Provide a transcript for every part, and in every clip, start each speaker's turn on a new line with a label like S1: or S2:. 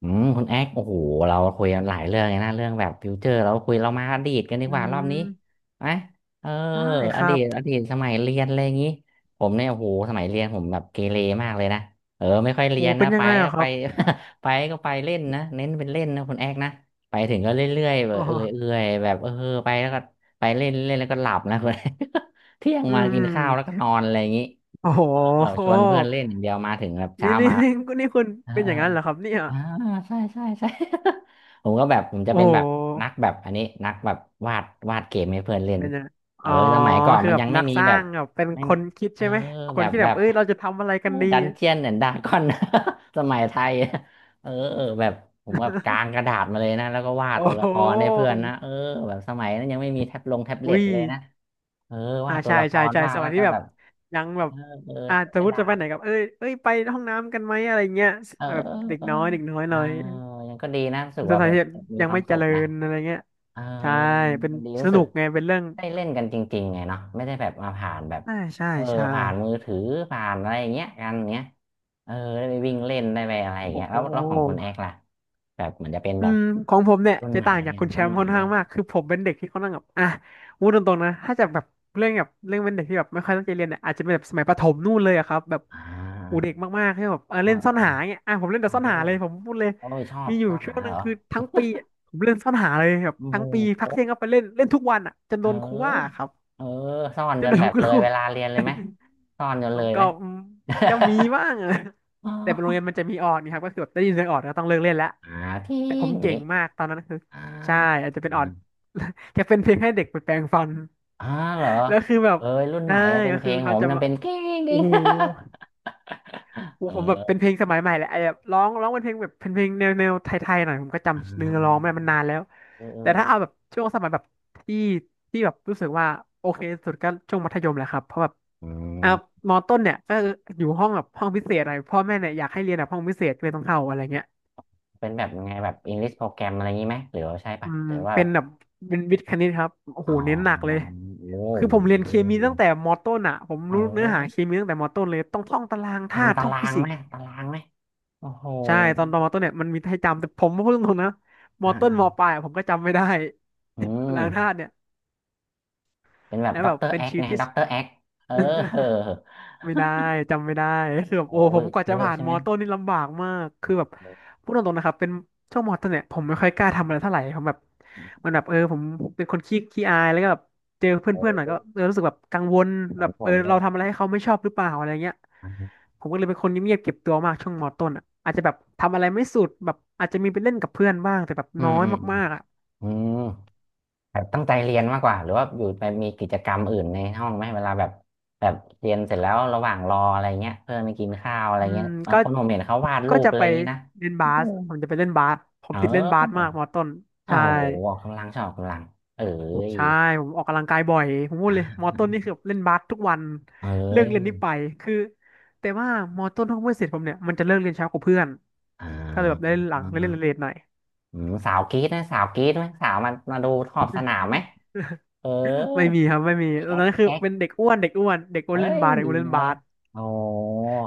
S1: คุณแอ๊กโอ้โหเราคุยกันหลายเรื่องเลยนะเรื่องแบบฟิวเจอร์เราคุยเรามาอดีตกันดี
S2: อื
S1: กว่ารอบนี้
S2: ม
S1: ไหมเออ
S2: ได้ค
S1: อ
S2: รั
S1: ดี
S2: บ
S1: ตอดีตสมัยเรียนอะไรอย่างงี้ผมเนี่ยโอ้โหสมัยเรียนผมแบบเกเรมากเลยนะไม่ค่อยเรี
S2: โอ้
S1: ยน
S2: เป็
S1: นะ
S2: นยั
S1: ไป
S2: งไง
S1: ก็
S2: อะค
S1: ไป
S2: รับ
S1: ไปก็ไปเล่นนะเน้นเป็นเล่นนะคุณแอ๊กนะไปถึงก็เรื่อยๆแบ
S2: อ๋
S1: บเออยเอ
S2: อ
S1: ยแบบไปแล้วก็ไปเล่นเล่นแล้วก็หลับนะ คุณแอ๊ก เที่ยง
S2: อื
S1: มา
S2: ม
S1: กิ
S2: อื
S1: น
S2: ม
S1: ข้าวแล้วก็นอนอะไรอย่างงี้
S2: โอ้โห
S1: เออชวนเพื่อนเล่นอย่างเดียวมาถึงแบบ
S2: นี่
S1: เช้า
S2: นี่
S1: มา
S2: นี่นี่คุณ
S1: เออ
S2: เป็นอย่างนั้นเหรอครับเนี่ย
S1: อ่าใช่ใช่ ใช่ ผมก็แบบผมจะ
S2: โอ้
S1: เป็น
S2: โ
S1: แบบนัก
S2: ห
S1: แบบอันนี้นักแบบวาดวาดเกมให้เพื่อนเล่น
S2: เป็นยังไงอ๋อ
S1: สมัยก่อน
S2: คือ
S1: มัน
S2: แบ
S1: ยั
S2: บ
S1: งไม่
S2: นัก
S1: มี
S2: สร้า
S1: แบบ
S2: งแบบเป็น
S1: ไม่
S2: คนคิด
S1: เออ
S2: ใช่ไหมค
S1: แบ
S2: น
S1: บ
S2: ที่แบ
S1: แบ
S2: บ
S1: บ
S2: เอ้ยเราจะทำอะไรกันดี
S1: ดันเจียนเนี่ยดาก้อน สมัยไทยเออแบบผมแบบกางกระดาษมาเลยนะแล้วก็วาด
S2: โอ้
S1: ตัว
S2: โห
S1: ละครให้เพื่อนนะแบบสมัยนั้นยังไม่มีแท็บลงแท็บเล็
S2: อุ้
S1: ต
S2: ย
S1: เลยนะเออวา
S2: อ่า
S1: ดตัว
S2: ใช่
S1: ละค
S2: ใช่
S1: ร
S2: ใช่
S1: วาด
S2: สมั
S1: แล้ว
S2: ยที่
S1: ก็
S2: แบ
S1: แบ
S2: บ
S1: บ
S2: ยัง
S1: เอ
S2: แบบ
S1: อเออ
S2: อ่า
S1: ใช้
S2: ส
S1: ก
S2: มม
S1: ระ
S2: ติ
S1: ดา
S2: จะไป
S1: ษ
S2: ไหนกับเอ้ยไปห้องน้ำกันไหมอะไรเงี้ย
S1: เออ
S2: แบบเด็ก
S1: เออ
S2: น้อยเด็กน้อย
S1: เอ
S2: ห
S1: อ
S2: น่อย
S1: เอยังก็ดีนะรู้สึก
S2: ส
S1: ว่า
S2: ถา
S1: แบ
S2: น
S1: บ
S2: ที่
S1: มี
S2: ยัง
S1: ความ
S2: ไม่เจ
S1: สุข
S2: ริ
S1: นะ
S2: ญอะไรเงี้ย
S1: เออเอ
S2: ใช่
S1: อ
S2: เป็น
S1: มันดี
S2: ส
S1: รู้สึ
S2: นุ
S1: ก
S2: กไงเป็นเรื่อง
S1: ได้เล่นกันจริงๆไงเนาะไม่ได้แบบมาผ่านแบบ
S2: อ่าใช่
S1: เออ
S2: ใช่
S1: ผ่านมือถือผ่านอะไรอย่างเงี้ยกันเงี้ยเออได้ไปวิ่งเล่นได้ไปอะไรอย่าง
S2: โอ้
S1: เงี้ย
S2: โ
S1: แล้วแล้วของคุณ
S2: ห
S1: แอกล่ะแบบเหมือนจะเป็น
S2: อื
S1: แบบ
S2: มของผมเนี่ย
S1: รุ่น
S2: จะ
S1: ใหม่
S2: ต่าง
S1: หรือ
S2: จาก
S1: ยั
S2: คุ
S1: ง
S2: ณแช
S1: รุ่น
S2: มป์
S1: ใหม่
S2: ค่อน
S1: หรื
S2: ข้า
S1: อ
S2: ง
S1: ยัง
S2: มากคือผมเป็นเด็กที่ค่อนข้างแบบอ่ะพูดตรงๆนะถ้าจะแบบเรื่องแบบเรื่องเป็นเด็กที่แบบไม่ค่อยตั้งใจเรียนเนี่ยอาจจะเป็นแบบสมัยประถมนู่นเลยอะครับแบบ
S1: อ่
S2: อู
S1: า
S2: เด็กมากๆที่แบบเออเล่นซ่อนหา
S1: เออ
S2: เงี้ยอ่ะผมเล่นแต่
S1: เออ
S2: ซ่อน
S1: เออ
S2: หาเลยผมพูดเลย
S1: โอ้ยชอบ
S2: มีอ
S1: ช
S2: ยู่
S1: อบ
S2: ช่ว
S1: หา
S2: งหนึ
S1: เห
S2: ง
S1: รอ
S2: คือทั้งปีอะผมเล่นซ่อนหาเลยแบบ
S1: โอ้
S2: ทั้งปี
S1: โห
S2: พักเที่ยงก็ไปเล่นเล่นทุกวันอ่ะจน
S1: เอ
S2: โดนครูว่าค
S1: อ
S2: รับ
S1: เออซ่อน
S2: จ
S1: จ
S2: น
S1: น
S2: โด
S1: แบ
S2: น
S1: บ
S2: คุ
S1: เล
S2: ณค
S1: ย
S2: รู
S1: เวลาเรียนเลยไหมซ่อนจนเลยไห
S2: ก็
S1: ม
S2: อืม ก็มีบ้างอะ
S1: อ๋
S2: แต่เป็นโรงเรี
S1: อ
S2: ยนมันจะมีออดนะครับก็คือแบบได้ยินเสียงออดก็ต้องเลิกเล่นแล้ว
S1: หาที่
S2: แต่ผ
S1: อ
S2: ม
S1: ย่าง
S2: เก่
S1: งี้
S2: งมากตอนนั้นคือ
S1: อ่า
S2: ใช่อาจจะ
S1: อ
S2: เป็นออ
S1: ม
S2: ด แค่เป็นเพลงให้เด็กไปแปรงฟัน
S1: อ่าเหรอ
S2: แล้วคือแบบ
S1: เอ้ยรุ่นให
S2: ใช่
S1: ม่อะเป็น
S2: ก็
S1: เพล
S2: คือ
S1: งผ
S2: เขา
S1: ม
S2: จะ
S1: ยัง
S2: มา
S1: เป็นกิ้งกิ้
S2: โอ้
S1: ง
S2: โห โอ้
S1: เ
S2: ผมแบบเป็น
S1: ออ
S2: เพลงสมัยใหม่แหละไอ้แบบร้องเป็นเพลงแบบเป็นเพลงแนวแนวไทยๆหน่อยผมก็
S1: อ๋
S2: จำเนื้อร้องไม่
S1: อ
S2: ได้มันนานแล้ว
S1: เออเออ
S2: แต่ถ้าเอาแบบช่วงสมัยแบบที่ที่แบบรู้สึกว่าโอเคสุดก็ช่วงมัธยมแหละครับเพราะแบบ
S1: อืม
S2: อ่ะมอต้นเนี่ยก็อยู่ห้องแบบห้องพิเศษหน่อยพ่อแม่เนี่ยอยากให้เรียนแบบห้องพิเศษก็เลยต้องเข้าอะไรเงี้ย
S1: เป็นแบบยังไงแบบอังกฤษโปรแกรมอะไรงี้ไหมหรือว่าใช่
S2: อื
S1: ปะ
S2: ม
S1: หรือว่า
S2: เป็
S1: แบ
S2: น
S1: บ
S2: แบบเป็นวิทย์คณิตครับโอ้
S1: อ๋
S2: โหเน้นหนัก
S1: อ
S2: เลย
S1: โอ้โ
S2: คือผมเรีย
S1: ห
S2: นเคมีตั้งแต่มอต้นอ่ะผม
S1: เอ้
S2: รู้เนื้อหาเค
S1: ย
S2: มีตั้งแต่มอต้นเลยต้องท่องตาราง
S1: จั
S2: ธา
S1: ง
S2: ตุ
S1: ตา
S2: ท่อง
S1: รา
S2: ฟิ
S1: ง
S2: สิ
S1: ไหม
S2: กส์
S1: ตารางไหมโอ้โห
S2: ใช่ตอนมอต้นเนี่ยมันมีให้จำแต่ผมพูดตรงๆนะมอต้นมอปลายอะผมก็จำไม่ได้
S1: อื ม
S2: ล้างธาตุเนี่ย
S1: เป็นแบบ
S2: แล้ว
S1: ด็
S2: แบ
S1: อก
S2: บ
S1: เตอร์
S2: เป็น
S1: แอค
S2: ชีวิต
S1: ไง
S2: ที่
S1: ด็อกเตอร์แอ คเออ
S2: ไม่ได้จำไม่ได้ คือแบบ
S1: โอ้
S2: โอ้ผ
S1: ย
S2: มกว่า
S1: เย
S2: จะ
S1: อะ
S2: ผ่าน
S1: ใช่
S2: ม
S1: ไหม
S2: อต้นนี่ลำบากมากคือแบบพูดตรงๆนะครับเป็นช่วงมอต้นเนี่ยผมไม่ค่อยกล้าทำอะไรเท่าไหร่ผมแบบมันแบบเออผมเป็นคนขี้อายแล้วก็แบบเจอ
S1: โอ้
S2: เพื่อนๆหน่อยก็
S1: ย
S2: เออรู้สึกแบบกังวล
S1: เหมื
S2: แบ
S1: อน
S2: บ
S1: ผ
S2: เออ
S1: มเล
S2: เรา
S1: ย
S2: ทำอะไรให้เขาไม่ชอบหรือเปล่าอะไรเงี้ยผมก็เลยเป็นคนเงียบๆเก็บตัวมากช่วงมอต้นอ่ะอาจจะแบบทำอะไรไม่สุดแบบอาจจะมีไปเล่นกับเพื่อนบ้างแต่แบบ
S1: อื
S2: น้
S1: ม
S2: อย
S1: อืมอืม
S2: มากๆอ่ะ
S1: อืมแบบตั้งใจเรียนมากกว่าหรือว่าอยู่ไปมีกิจกรรมอื่นในห้องไหมเวลาแบบแบบเรียนเสร็จแล้วระหว่างรออะไรเงี้ยเพื่อนไปกินข้าวอะไร
S2: อืม
S1: เงี้ยบา
S2: ก็
S1: งคนผมเห็นเขาวาด
S2: ก็
S1: รูป
S2: จะ
S1: อะไร
S2: ไป
S1: อย่างงี้นะ
S2: เล่นบา
S1: โอ้โห
S2: สผมจะไปเล่นบาสผม
S1: เอ
S2: ติดเล่นบาส
S1: อ
S2: มากมอต้น
S1: โอ้
S2: ใช่
S1: โหออกกำลังชอบออกกำลังเอ้ย
S2: ใช่ผมออกกำลังกายบ่อยผมพู ด
S1: อ่า
S2: เลยมอต้นนี่คือแบบเล่นบาสทุกวัน
S1: เอ้
S2: เลิก
S1: ย
S2: เรียนนี่ไปคือแต่ว่ามอต้นห้องเพื่อนเสร็จผมเนี่ยมันจะเลิกเรียนเช้ากว่าเพื่อน
S1: อ่า
S2: ก็เลยแบบได้เล่นหลังได้เล่นเลทหน่อย
S1: อืมสาวกรี๊ดนะสาวกรี๊ดไหมสาวมามาดูขอบสนามไหมเออ
S2: ไม่มีครับไม่มี
S1: พี่
S2: ตอ
S1: แอ๊
S2: น
S1: ก
S2: นั้น
S1: พี่
S2: คือ
S1: แอ๊ก
S2: เป็นเด็กอ้วนเด็กอ้วนเด็กอ้ว
S1: เอ้
S2: นเล่น
S1: ย
S2: บาสเด็กอ้วนเล่น
S1: เน
S2: บา
S1: อะ
S2: ส
S1: โอ้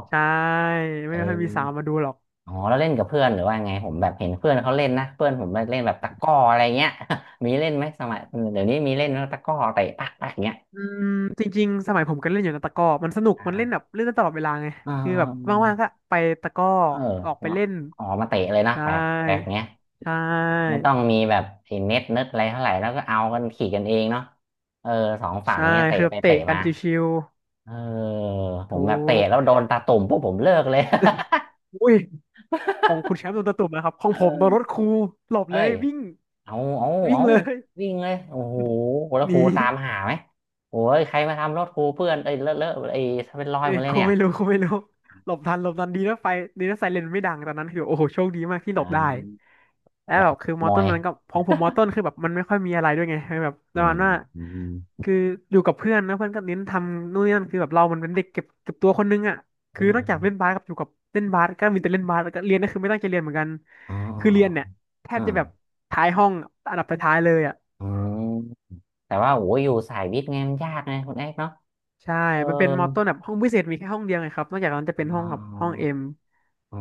S2: ใช่ไม่ค่อยมี
S1: เออ
S2: สาวมาดูหรอก
S1: อ๋อแล้วเล่นกับเพื่อนหรือว่าไงผมแบบเห็นเพื่อนเขาเล่นนะเพื่อนผมเล่นแบบตะกร้ออะไรเงี้ย มีเล่นไหมสมัยเดี๋ยวนี้มีเล่นนะตะกร้อเตะปักปักเงี้ย
S2: อืมจริงๆสมัยผมก็เล่นอยู่นะตะกร้อมันสนุกมันเล่น
S1: อ่า
S2: แบบเล่นได้ตลอดเวลาไง
S1: เอ
S2: คือแบบ
S1: อ
S2: ว่างๆก็ไปตะกร้อ
S1: เอ
S2: ออกไปเล่
S1: อ
S2: น
S1: ออกมาเตะเลยนะ
S2: ใช
S1: แปลกแปลก
S2: ่
S1: เงี้ย
S2: ใช่
S1: ไม่ต้องมีแบบไอ้เน็ตเน็ตอะไรเท่าไหร่แล้วก็เอากันขี่กันเองเนาะเออสองฝั่ง
S2: ใช่
S1: เนี้ยเตะ
S2: คือแบ
S1: ไป
S2: บเตะ
S1: เตะ
S2: กัน
S1: มา
S2: ชิว
S1: เออผม
S2: ถู
S1: แบบเตะ
S2: ก
S1: แล้วโดนตาตุ่มพวกผมเลิกเลย
S2: อุ้ยของคุณแชมป์โดนตะตุ่มนะครับ ของผมโดนรถครูหลบ
S1: เอ้
S2: เลย
S1: ย
S2: วิ่ง
S1: เอา
S2: วิ่ง
S1: เอา
S2: เลย
S1: วิ่งเลยโอ้โหแล้
S2: ห
S1: ว
S2: นี
S1: ครูตามหาไหมโอ้ยใครมาทำรถครูเพื่อนเอ้ยเลอะเลอะไอ้าเป็นรอย
S2: เอ้
S1: หม
S2: ย
S1: ดเล
S2: ค
S1: ย
S2: รู
S1: เนี่ย
S2: ไม่รู้ครูไม่รู้ หลบทันหลบทันดีนะไฟดีนะไซเรนไม่ดังตอนนั้นคือโอ้โหโชคดีมากที่
S1: อ
S2: หลบได้
S1: ่า
S2: แล้ว
S1: อยา
S2: แบ
S1: ก
S2: บคือ
S1: ข
S2: ม
S1: โม
S2: อต้น
S1: ย
S2: มันก็ของผมมอต้นคือแบบมันไม่ค่อยมีอะไรด้วยไงแบบป
S1: อื
S2: ระมาณ
S1: ม
S2: ว่า
S1: อื
S2: คืออยู่กับเพื่อนนะเพื่อนก็เน้นทำนู่นนี่นั่นคือแบบเรามันเป็นเด็กเก็บตัวคนนึงอ่ะ
S1: มอ
S2: คือนอกจากเล่
S1: ม
S2: นบาสกับอยู่กับเล่นบาสก็มีแต่เล่นบาสแล้วก็เรียนก็คือไม่ตั้งใจเรียนเหมือนกัน
S1: อ๋อ
S2: คือเรียนเนี่ยแท
S1: อ๋
S2: บ
S1: อ
S2: จะแบบท้ายห้องอันดับท้ายๆเลยอ่ะ
S1: อ๋ออืมแต่ว่าโอ้ยอยู่สายวิทย์ไงมันยากไงคุณเอกเนาะ
S2: ใช่
S1: เออ
S2: มันเป็นมอต้นแบบห้องพิเศษมีแค่ห้องเดียวไงครับนอกจากนั้นจะเป็น
S1: อ๋
S2: ห้อ
S1: อ
S2: งแบบห้องเอ็ม
S1: อ๋อ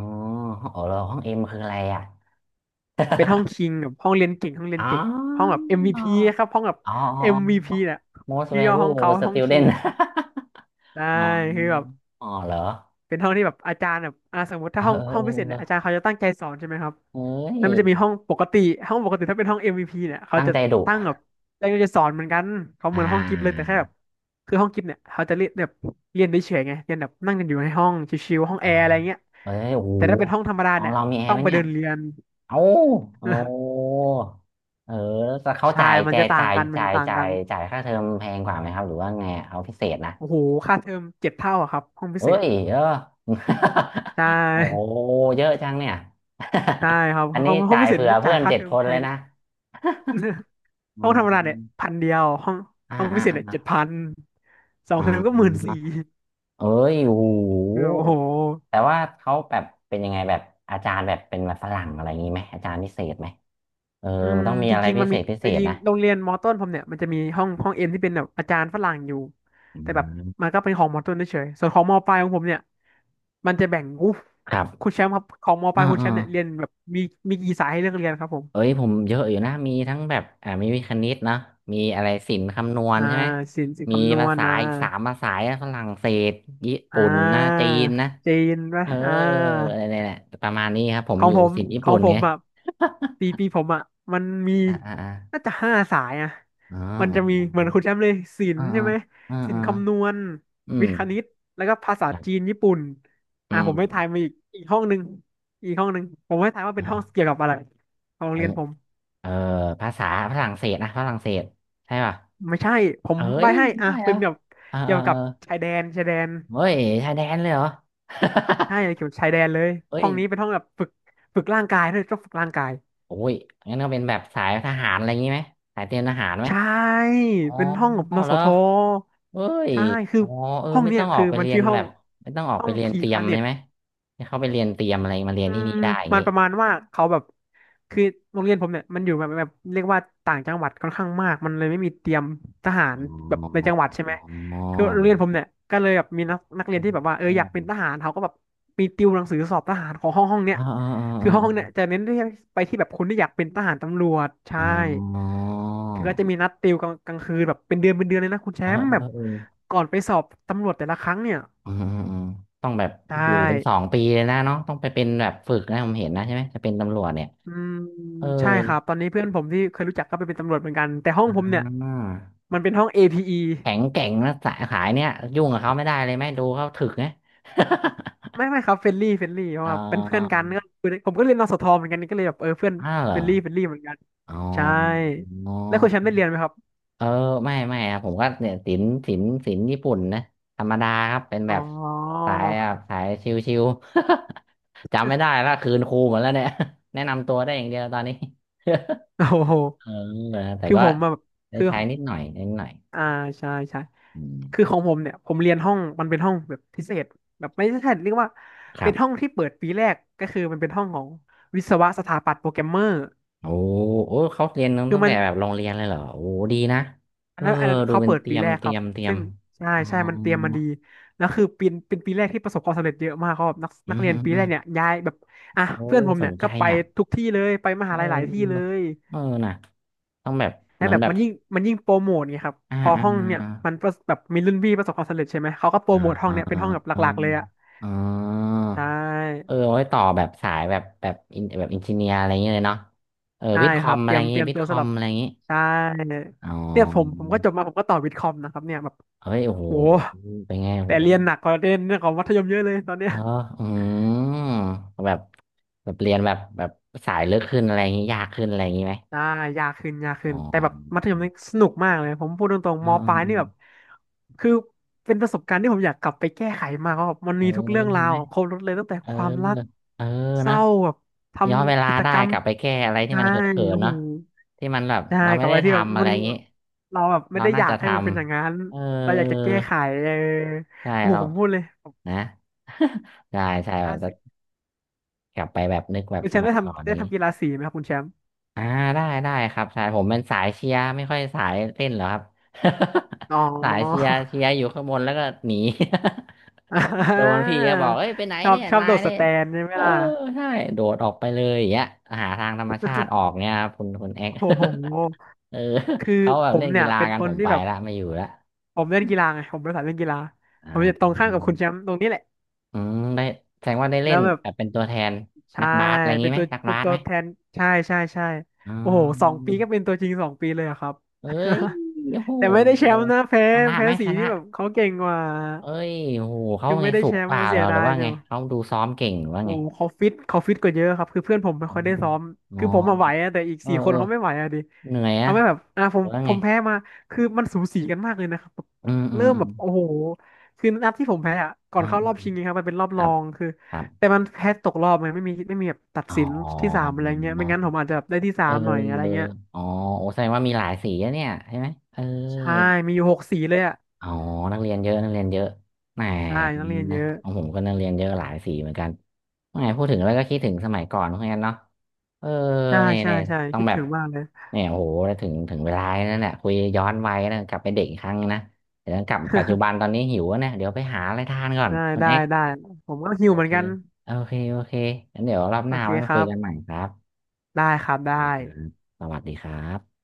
S1: อ๋อแล้วห้องเอ็มคืออะไรอ่ะ
S2: เป็นห้องคิงกับห้องเรียนเก่งห้องเรียน
S1: อ๋
S2: เก่งห้องแบบ
S1: อ อ๋อ
S2: MVP ครับห้องแบบ
S1: อ๋ออ๋
S2: MVP
S1: อ
S2: เนี่ย
S1: most
S2: ชื่อย่อห้อง
S1: valuable
S2: เขาห้องคิ
S1: student
S2: ง ได้
S1: อ๋อ
S2: คือแบบ
S1: อ๋อเหรอ
S2: เป็นห้องที่แบบอาจารย์แบบสมมติ
S1: เอ
S2: ถ้า
S1: อ
S2: ห้อง
S1: เออ
S2: ห้อ
S1: เอ
S2: งพิเศษเนี่ย
S1: อ
S2: อาจารย์เขาจะตั้งใจสอนใช่ไหมครับ
S1: เอ้ย
S2: แล้วมันจะมีห้องปกติห้องปกติถ้าเป็นห้อง MVP เนี่ยเขา
S1: ตั้ง
S2: จะ
S1: ใจดุ
S2: ตั้งแบบอาจารย์ก็จะสอนเหมือนกันเขาเห
S1: อ่
S2: มือนห้องกิฟต์เลยแต่
S1: า
S2: แค่แบบคือห้องกิฟต์เนี่ยเขาจะเรียนแบบเรียนได้เฉยๆไงเรียนแบบนั่งกันอยู่ในห้องชิวๆห้อง
S1: อ๋
S2: แอ
S1: อ
S2: ร์อะไรเงี้ย
S1: เอ้ยโอ้โห
S2: แต่ถ้าเป็นห้องธรรมดา
S1: ของ
S2: เนี่ย
S1: เรามีแอ
S2: ต้
S1: ร์
S2: อง
S1: ไหม
S2: ไป
S1: เนี่
S2: เดิ
S1: ย
S2: นเรียน
S1: เอ้าโอ้เออแต่เขา
S2: ใช่
S1: จ่าย
S2: มัน
S1: แต่
S2: จะต่างกันมันจะต่างกัน
S1: จ่ายค่าเทอมแพงกว่าไหมครับ หรือว่าไงเอาพิเศษนะ
S2: โอ้โหค่าเทอมเจ็ดเท่าอะครับห้องพิ
S1: เอ้
S2: เศษ
S1: ย
S2: ใช่
S1: โอ้เยอะจังเนี่ย
S2: ใช่ครับ
S1: อัน
S2: ห้
S1: นี้
S2: องห้อง
S1: จ่าย
S2: พิเศษ
S1: เผื่อ
S2: นี่
S1: เพื่
S2: จ่า
S1: อ
S2: ย
S1: น
S2: ค่า
S1: เจ็ด
S2: เทอ
S1: ค
S2: ม
S1: น
S2: แพ
S1: เลย
S2: ง
S1: นะ อื
S2: ห้องธรรมดาเนี่ย
S1: ม
S2: พันเดียวห้อง
S1: อ่า
S2: ห้อง
S1: อ่า
S2: พิเศษ
S1: อ่า
S2: เนี่ยเจ็ด
S1: อ
S2: พันสอง
S1: ่
S2: เทอมก็หมื่น
S1: า
S2: สี่
S1: เอ้ยโอ้โห
S2: คือโอ้โห
S1: แต่ว่าเขาแบบเป็นยังไงแบบอาจารย์แบบเป็นแบบฝรั่งอะไรอย่างนี้ไหมอาจารย์พิเศษไหมเออ
S2: อื
S1: มั
S2: ม
S1: นต้องมี
S2: จ
S1: อะไร
S2: ริงๆ
S1: พิ
S2: มัน
S1: เศ
S2: มี
S1: ษพิเศ
S2: จ
S1: ษ
S2: ริง
S1: นะ
S2: ๆโรงเรียนมอต้นผมเนี่ยมันจะมีห้องเอ็นที่เป็นแบบอาจารย์ฝรั่งอยู่
S1: อื
S2: แต่แบบ
S1: ม
S2: มันก็เป็นของมอต้นเฉยๆส่วนของมอปลายของผมเนี่ยมันจะแบ่งอู้
S1: ครับ
S2: คุณแชมป์ครับของมอป
S1: อ่า
S2: ลายคุณแช
S1: อ่า
S2: มป์เนี่ยเรียนแบบมีมีกี่สายให้เลือกเรียนครับผม
S1: เอ้ยผมเยอะอยู่นะมีทั้งแบบอ่ามีวิคณิตนะมีอะไรศิลป์คำนวณ
S2: อ่า
S1: ใช่ไหม
S2: ศิลป์
S1: มี
S2: คำนว
S1: ภา
S2: ณ
S1: ษา
S2: นะ
S1: อีกสามภาษานะฝรั่งเศสญี่
S2: อ่
S1: ปุ่นนะจี
S2: า
S1: นนะ
S2: จีน
S1: เอ
S2: ปะ
S1: อ
S2: อ่
S1: อะ
S2: า
S1: ไรเนี่ยประมาณนี้ครับผม
S2: ขอ
S1: อ
S2: ง
S1: ยู่
S2: ผม
S1: ศิลป์ญี่
S2: ขอ
S1: ปุ่
S2: ง
S1: น
S2: ผ
S1: ไง
S2: มอ่ะปีผมอ่ะมันมี
S1: อ่าอ่าอ่า
S2: น่าจะห้าสายอ่ะ
S1: อ๋อ
S2: มันจะมีเหมือนคุณแชมป์เลยศิล
S1: อ่า
S2: ป์ใช่ไหม
S1: อ่า
S2: ศิล
S1: อ่า
S2: ป์คำนวณ
S1: อื
S2: วิ
S1: ม
S2: ทย์คณิตแล้วก็ภาษา
S1: ครั
S2: จีน
S1: บ
S2: ญี่ปุ่น
S1: อื
S2: อ่ะผมให้ทา
S1: ม
S2: ยมาอีกห้องหนึ่งอีกห้องหนึ่งผมให้ทายว่า
S1: เอ
S2: เป็นห้อง
S1: อ
S2: เกี่ยวกับอะไรของโร
S1: ขอ
S2: ง
S1: ง
S2: เรียนผม
S1: เออภาษาฝรั่งเศสนะฝรั่งเศสใช่ป่ะ
S2: ไม่ใช่ผม
S1: เอ้
S2: ใบ
S1: ย
S2: ให้
S1: ไม่
S2: อ่ะ
S1: ใช่เหร
S2: เป็
S1: อ
S2: นแบบ
S1: เออ
S2: เกี่
S1: เอ
S2: ย
S1: อ
S2: ว
S1: เอ
S2: กับ
S1: อ
S2: ชายแดน
S1: เฮ้ยชายแดนเลยเหรอ
S2: ใช่ เกี่ยวกับชายแดนเลย
S1: เฮ้
S2: ห้อ
S1: ย
S2: งนี้เป็นห้องแบบฝึกฝึกร่างกายด้วยต้องฝึกร่างกาย
S1: โอ้ยงั้นก็เป็นแบบสายทหารอะไรอย่างงี้ไหมสายเตรียมทหารไหม
S2: ใช่
S1: อ๋อ
S2: เป็นห้องกับน
S1: เหร
S2: ส
S1: อ
S2: ท
S1: เฮ้ย
S2: ใช่ คือ
S1: อ๋อเออ
S2: ห้อง
S1: ไม่
S2: เนี้
S1: ต้
S2: ย
S1: องออ
S2: คื
S1: ก
S2: อ
S1: ไป
S2: มัน
S1: เรีย
S2: ชื่
S1: น
S2: อห้
S1: แบ
S2: อง
S1: บไม่ต้องออก
S2: ห้อ
S1: ไป
S2: ง
S1: เรียน
S2: พี
S1: เตรียม
S2: คาเน็
S1: ใช่
S2: ต
S1: ไหมให้เขาไปเรียนเตรียมอะไรมาเรีย
S2: อื
S1: นที่
S2: ม
S1: นี่ได้อย่าง
S2: มัน
S1: งี้
S2: ประมาณว่าเขาแบบคือโรงเรียนผมเนี่ยมันอยู่แบบเรียกว่าต่างจังหวัดค่อนข้างมากมันเลยไม่มีเตรียมทหา
S1: อ๋
S2: รแบบ
S1: อ
S2: ในจังหวัดใช่ไห
S1: อ๋อ
S2: มคือโรงเรียนผมเนี่ยก็เลยแบบมีนักเรียนที่แบบว่าเออ
S1: อ๋
S2: อยากเป็นท
S1: อ
S2: หารเขาก็แบบมีติวหนังสือสอบทหารของห้องเนี่ย
S1: อ่าอ
S2: คือห้องห้อ
S1: ่า
S2: งเนี่ยจะเน้นที่ไปที่แบบคนที่อยากเป็นทหารตำรวจใช่
S1: อ่าอ่าอาอ๋อ
S2: คือก็จะมีนัดติวกลางกลางคืนแบบเป็นเดือนเลยนะคุณแช
S1: เอ่า
S2: มป์แบบ
S1: อ่เออ
S2: ก่อนไปสอบตำรวจแต่ละครั้งเนี่ย
S1: เอืมอืออต้องแบบ
S2: ใช่
S1: อยู่เป็น2 ปีเลยนะเนาะต้องไปเป็นแบบฝึกนะผมเห็นนะใช่ไหมจะเป็นตำรวจเนี่ย
S2: อืม
S1: เออ
S2: ใช่ครับตอนนี้เพื่อนผมที่เคยรู้จักก็ไปเป็นตำรวจเหมือนกันแต่ห้องผม
S1: อ่า
S2: เนี่ยมันเป็นห้อง APE
S1: แข็งแกร่งนะสายขายเนี่ยยุ่งกับเขาไม่ได้เลยไหมดูเขาถึกนะ
S2: ไม่ครับเฟรนลี่เพ
S1: เ
S2: ราะว่าเป็นเพื่อน
S1: ออ
S2: กันก็คือผมก็เรียนนสทเหมือนกันก็เลยแบบเออเพื่อน
S1: อ้าวเหร
S2: เฟ
S1: อ
S2: รนลี่เฟรนลี่เหมือนกัน
S1: อ๋อ
S2: ใช่แล้วคุณแชมป์ได้เรียนไหมครับ
S1: เออไม่ไม่ครับผมก็เนี่ยศิลป์ญี่ปุ่นนะธรรมดาครับเป็น
S2: อ๋
S1: แบ
S2: อ
S1: บสายแบบสายชิวๆ จำไม่ได้ละคืนครูหมดแล้วเนี่ย แนะนำตัวได้อย่างเดียวตอนนี้
S2: โอ้โห
S1: เออแต่
S2: คือ
S1: ก็
S2: ผมอะแบบ
S1: ได้
S2: คือ
S1: ใช้นิดหน่อยนิดหน่อย
S2: อ่าใช่
S1: อืม
S2: คือของผมเนี่ยผมเรียนห้องมันเป็นห้องแบบพิเศษแบบไม่ใช่เรียกว่า
S1: ครั
S2: เป็นห้อ
S1: บ
S2: งที่เปิดปีแรกก็คือมันเป็นห้องของวิศวะสถาปัตย์โปรแกรมเมอร์
S1: โอ้โอ้เขาเรียน
S2: คือ
S1: ตั้ง
S2: มั
S1: แต่
S2: น
S1: แบบโรงเรียนเลยเหรอโอ้ดีนะ
S2: อั
S1: เอ
S2: น
S1: อ
S2: นั้นอันนั้น
S1: ดู
S2: เขา
S1: เป็น
S2: เปิด
S1: เตรี
S2: ปี
S1: ยม
S2: แรก
S1: เต
S2: ค
S1: รี
S2: รั
S1: ย
S2: บ
S1: มเตรียม
S2: ซึ่งใช่
S1: อ๋อ
S2: ใช่มันเตรียมมาดีแล้วคือปีเป็นปีแรกที่ประสบความสำเร็จเยอะมากเขาแบบนัก
S1: อื
S2: นัก
S1: ม
S2: เรี
S1: อื
S2: ยน
S1: ม
S2: ปี
S1: อื
S2: แร
S1: ม
S2: กเนี่ยย้ายแบบอ่ะ
S1: โอ้
S2: เพื่อนผม
S1: ส
S2: เนี่
S1: น
S2: ย
S1: ใจ
S2: ก็ไป
S1: อ่ะ
S2: ทุกที่เลยไปม
S1: เอ
S2: หาลัยหลายที่เล
S1: อ
S2: ย
S1: เออนะต้องแบบ
S2: และ
S1: เหมือ
S2: แบ
S1: น
S2: บ
S1: แบบ
S2: มันยิ่งโปรโมทไงครับ
S1: อ่า
S2: พอ
S1: อ่า
S2: ห้องเนี่ยมันประสแบบมีรุ่นพี่ประสบความสำเร็จใช่ไหมเขาก็โปร
S1: อ่า
S2: โมทห้อ
S1: อ่
S2: งเนี่ยเป็นห้องแบบห
S1: า
S2: ลักๆเลยอะ
S1: อ๋อ
S2: ใช
S1: เอ
S2: ่
S1: อไว้ต่อแบบสายแบบแบบอินแบบอินจิเนียร์อะไรอย่างเงี้ยเลยเนาะเออ
S2: ใช่
S1: วิทย์ค
S2: ค
S1: อ
S2: รั
S1: ม
S2: บเต
S1: อะ
S2: รี
S1: ไร
S2: ย
S1: อ
S2: ม
S1: ย่าง
S2: เต
S1: งี้
S2: รียม
S1: วิท
S2: ตั
S1: ย์
S2: ว
S1: คอ
S2: สำห
S1: ม
S2: รับ
S1: อะไรอย่างงี้
S2: ใช่
S1: อ๋อ
S2: เนี่ยผมก็จบมาผมก็ต่อวิทย์คอมนะครับเนี่ยแบบ
S1: เฮ้ยโอ้โห
S2: โห
S1: เป็นไงโอ้โห
S2: แต่เรียนหนักกว่าเรียนเรื่องของมัธยมเยอะเลยตอนเนี้
S1: เอ
S2: ย
S1: ออืมแบบแบบเรียนแบบแบบสายลึกขึ้นอะไรอย่างงี้ยากขึ้นอะไรอย่างงี้ไหม
S2: ได้ยากขึ้นยาก
S1: อ๋
S2: ขึ้
S1: อ
S2: นแต่แบบมัธยมนี่สนุกมากเลยผมพูดตรงๆมปลายนี่แบบ
S1: ออ
S2: คือเป็นประสบการณ์ที่ผมอยากกลับไปแก้ไขมากว่าแบบมัน
S1: เออ
S2: มีทุกเรื่องราวครบรสเลยตั้งแต่
S1: เออเออ
S2: ความรัก
S1: เออเออ
S2: เศ
S1: นะ
S2: ร้าแบบท
S1: ย้อนเว
S2: ำ
S1: ลา
S2: กิจ
S1: ได้
S2: กรรม
S1: กลับไปแก้อะไรที่
S2: ใช่
S1: มันเขิน
S2: โอ้
S1: ๆ
S2: โห
S1: เนาะที่มันแบบ
S2: ใช่
S1: เรา
S2: กั
S1: ไม่
S2: บอะ
S1: ได้
S2: ไรที่แบบ
S1: ทำอะ
S2: มั
S1: ไร
S2: น
S1: อย่างนี้
S2: เราแบบไม่
S1: เรา
S2: ได้อ
S1: น่า
S2: ยาก
S1: จะ
S2: ให้
S1: ท
S2: มันเป็นอย่างนั้น
S1: ำเออ
S2: เราอ
S1: เออ
S2: ยากจะแก้ไขเออ
S1: ใช่
S2: โอ้โห
S1: เรา
S2: ผมพูดเลยผม
S1: นะ ใช่
S2: ทำ
S1: ใช่
S2: กี
S1: แบ
S2: ฬา
S1: บจะ
S2: สี
S1: กลับไปแบบนึกแบบ
S2: คุณ
S1: ส
S2: แชมป์
S1: มั
S2: ได้
S1: ยก่อน
S2: ทำได้
S1: นี้
S2: ทำกีฬาสีไหมครับคุณแชมป์
S1: อ่าได้ได้ครับใช่ผมเป็นสายเชียร์ไม่ค่อยสายเต้นหรอกครับ
S2: อ๋อ
S1: สายเชียร์เชียร์อยู่ข้างบนแล้วก็หนี
S2: อ่
S1: โดน
S2: า
S1: พี่ก็บอกเอ้ยไปไหน
S2: ชอบ
S1: เนี่ย
S2: ชอบ
S1: นา
S2: โด
S1: ย
S2: ดส
S1: เนี่ย
S2: แตนใช่ไหม
S1: เออ
S2: ล่ะ
S1: ใช่โดดออกไปเลยอย่างเงี้ยหาทางธรรมชาติออกเนี่ยครับคุณเอ็ก
S2: โอ้โห
S1: เออ
S2: คือ
S1: เขาแบ
S2: ผ
S1: บ
S2: ม
S1: เล่น
S2: เนี่
S1: กี
S2: ย
S1: ฬา
S2: เป็น
S1: กัน
S2: ค
S1: ผ
S2: น
S1: ม
S2: ที่
S1: ไป
S2: แบบ
S1: ละไม่อยู่ละ
S2: ผมเล่นกีฬาไง ผมเประสายเล่นกีฬา
S1: อ่า
S2: ผมจะต
S1: อื
S2: รงข้ามกับ
S1: ม
S2: คุณแชมป์ตรงนี้แหละ
S1: อืมได้แสดงว่าได้เล่
S2: แล้
S1: น
S2: วแบบ
S1: แบบเป็นตัวแทน
S2: ใช่
S1: นักบาสอะไร
S2: เป็
S1: งี้
S2: น
S1: ไหม
S2: ตัว
S1: นัก
S2: เป็
S1: บา
S2: น
S1: ส
S2: ตั
S1: ไห
S2: ว
S1: ม
S2: แทนใช่
S1: อ๋อ
S2: โอ้โหสองปีก็เป็นตัวจริงสองปีเลยอะครับ
S1: เอ้ยโห
S2: แต่ไม่ได้แชมป์นะแพ้
S1: ชนะ
S2: แพ้
S1: ไหม
S2: สี
S1: ชนะ
S2: ที่แบบเขาเก่งกว่า
S1: เอ้ยโหเขา
S2: คือ
S1: ไง
S2: ไม่ได้
S1: สู
S2: แช
S1: ง
S2: ม
S1: ก
S2: ป์
S1: ว่า
S2: มา
S1: เหร
S2: เสี
S1: อ
S2: ย
S1: ห
S2: ดา
S1: รือ
S2: ย
S1: ว่า
S2: จั
S1: ไง
S2: ง
S1: เขาดูซ้อมเก่งหรือว่า
S2: โอ้
S1: ไง
S2: โหเขาฟิตกว่าเยอะครับคือเพื่อนผมไม่
S1: อื
S2: ค่อย
S1: ม
S2: ได้ซ้อม
S1: อมอ๋อ
S2: คือผมมาไหวอะแต่อีก
S1: เออ
S2: สี่ค
S1: เอ
S2: น
S1: อ
S2: เขาไม่ไหวอะดิ
S1: เหนื่อยอะ
S2: ทำให้แบบอ่าผ
S1: หรื
S2: ม
S1: อว่า
S2: ผ
S1: ไง
S2: มแพ้มาคือมันสูสีกันมากเลยนะครับแบบ
S1: อืมอื
S2: เริ่
S1: ม
S2: ม
S1: อื
S2: แบ
S1: ม
S2: บโอ้โหคือนัดที่ผมแพ้อ่ะก่อน
S1: อ่
S2: เข้ารอ
S1: า
S2: บชิงนงครับมันเป็นรอบ
S1: ค
S2: ร
S1: รั
S2: อ
S1: บ
S2: งคือ
S1: ครับ
S2: แต่มันแพ้ตกรอบไงไม่มีแบบตัด
S1: อ๋อ
S2: สินที่สามอะไรเงี้ยไม่งั้นผมอาจจะแบบได้ที่สา
S1: เ
S2: มหน่อยอะไร
S1: ออ
S2: เงี้ย
S1: อ๋อโอ้แสดงว่ามีหลายสีอะเนี่ยใช่ไหมเออ
S2: ใช่มีอยู่หกสีเลยอ่ะ
S1: อ๋อนักเรียนเยอะนักเรียนเยอะแหม
S2: ใช่นักเรียนเยอะ
S1: อนมของผมก็นักเรียนเยอะหลายสีเหมือนกันแหมพูดถึงแล้วก็คิดถึงสมัยก่อนเหมือนกันเนาะเออ
S2: ใช่
S1: เนี่ย
S2: ใช่
S1: เนี่ย
S2: ใช่
S1: ต้อง
S2: คิด
S1: แบ
S2: ถึ
S1: บ
S2: งมากเลย
S1: เนี่ยโอ้โหถึงถึงเวลานั่นแหละคุยย้อนวัยนะกลับไปเด็กอีกครั้งนะเดี๋ยวกลับปัจจุบันตอนนี้หิวแล้วเนี่ยเดี๋ยวไปหาอะไรทานก่อน
S2: ได้
S1: คุณ
S2: ได้
S1: เอ็ก
S2: ได้ผมก็หิ
S1: โอ
S2: วเหมือ
S1: เค
S2: นกัน
S1: โอเคโอเคงั้นเดี๋ยวรอบห
S2: โอ
S1: น้า
S2: เค
S1: ไว้มา
S2: ค
S1: คุ
S2: รั
S1: ย
S2: บ
S1: กันใหม่ครับ
S2: ได้ครับได้
S1: โอเคครับสวัสดีครับ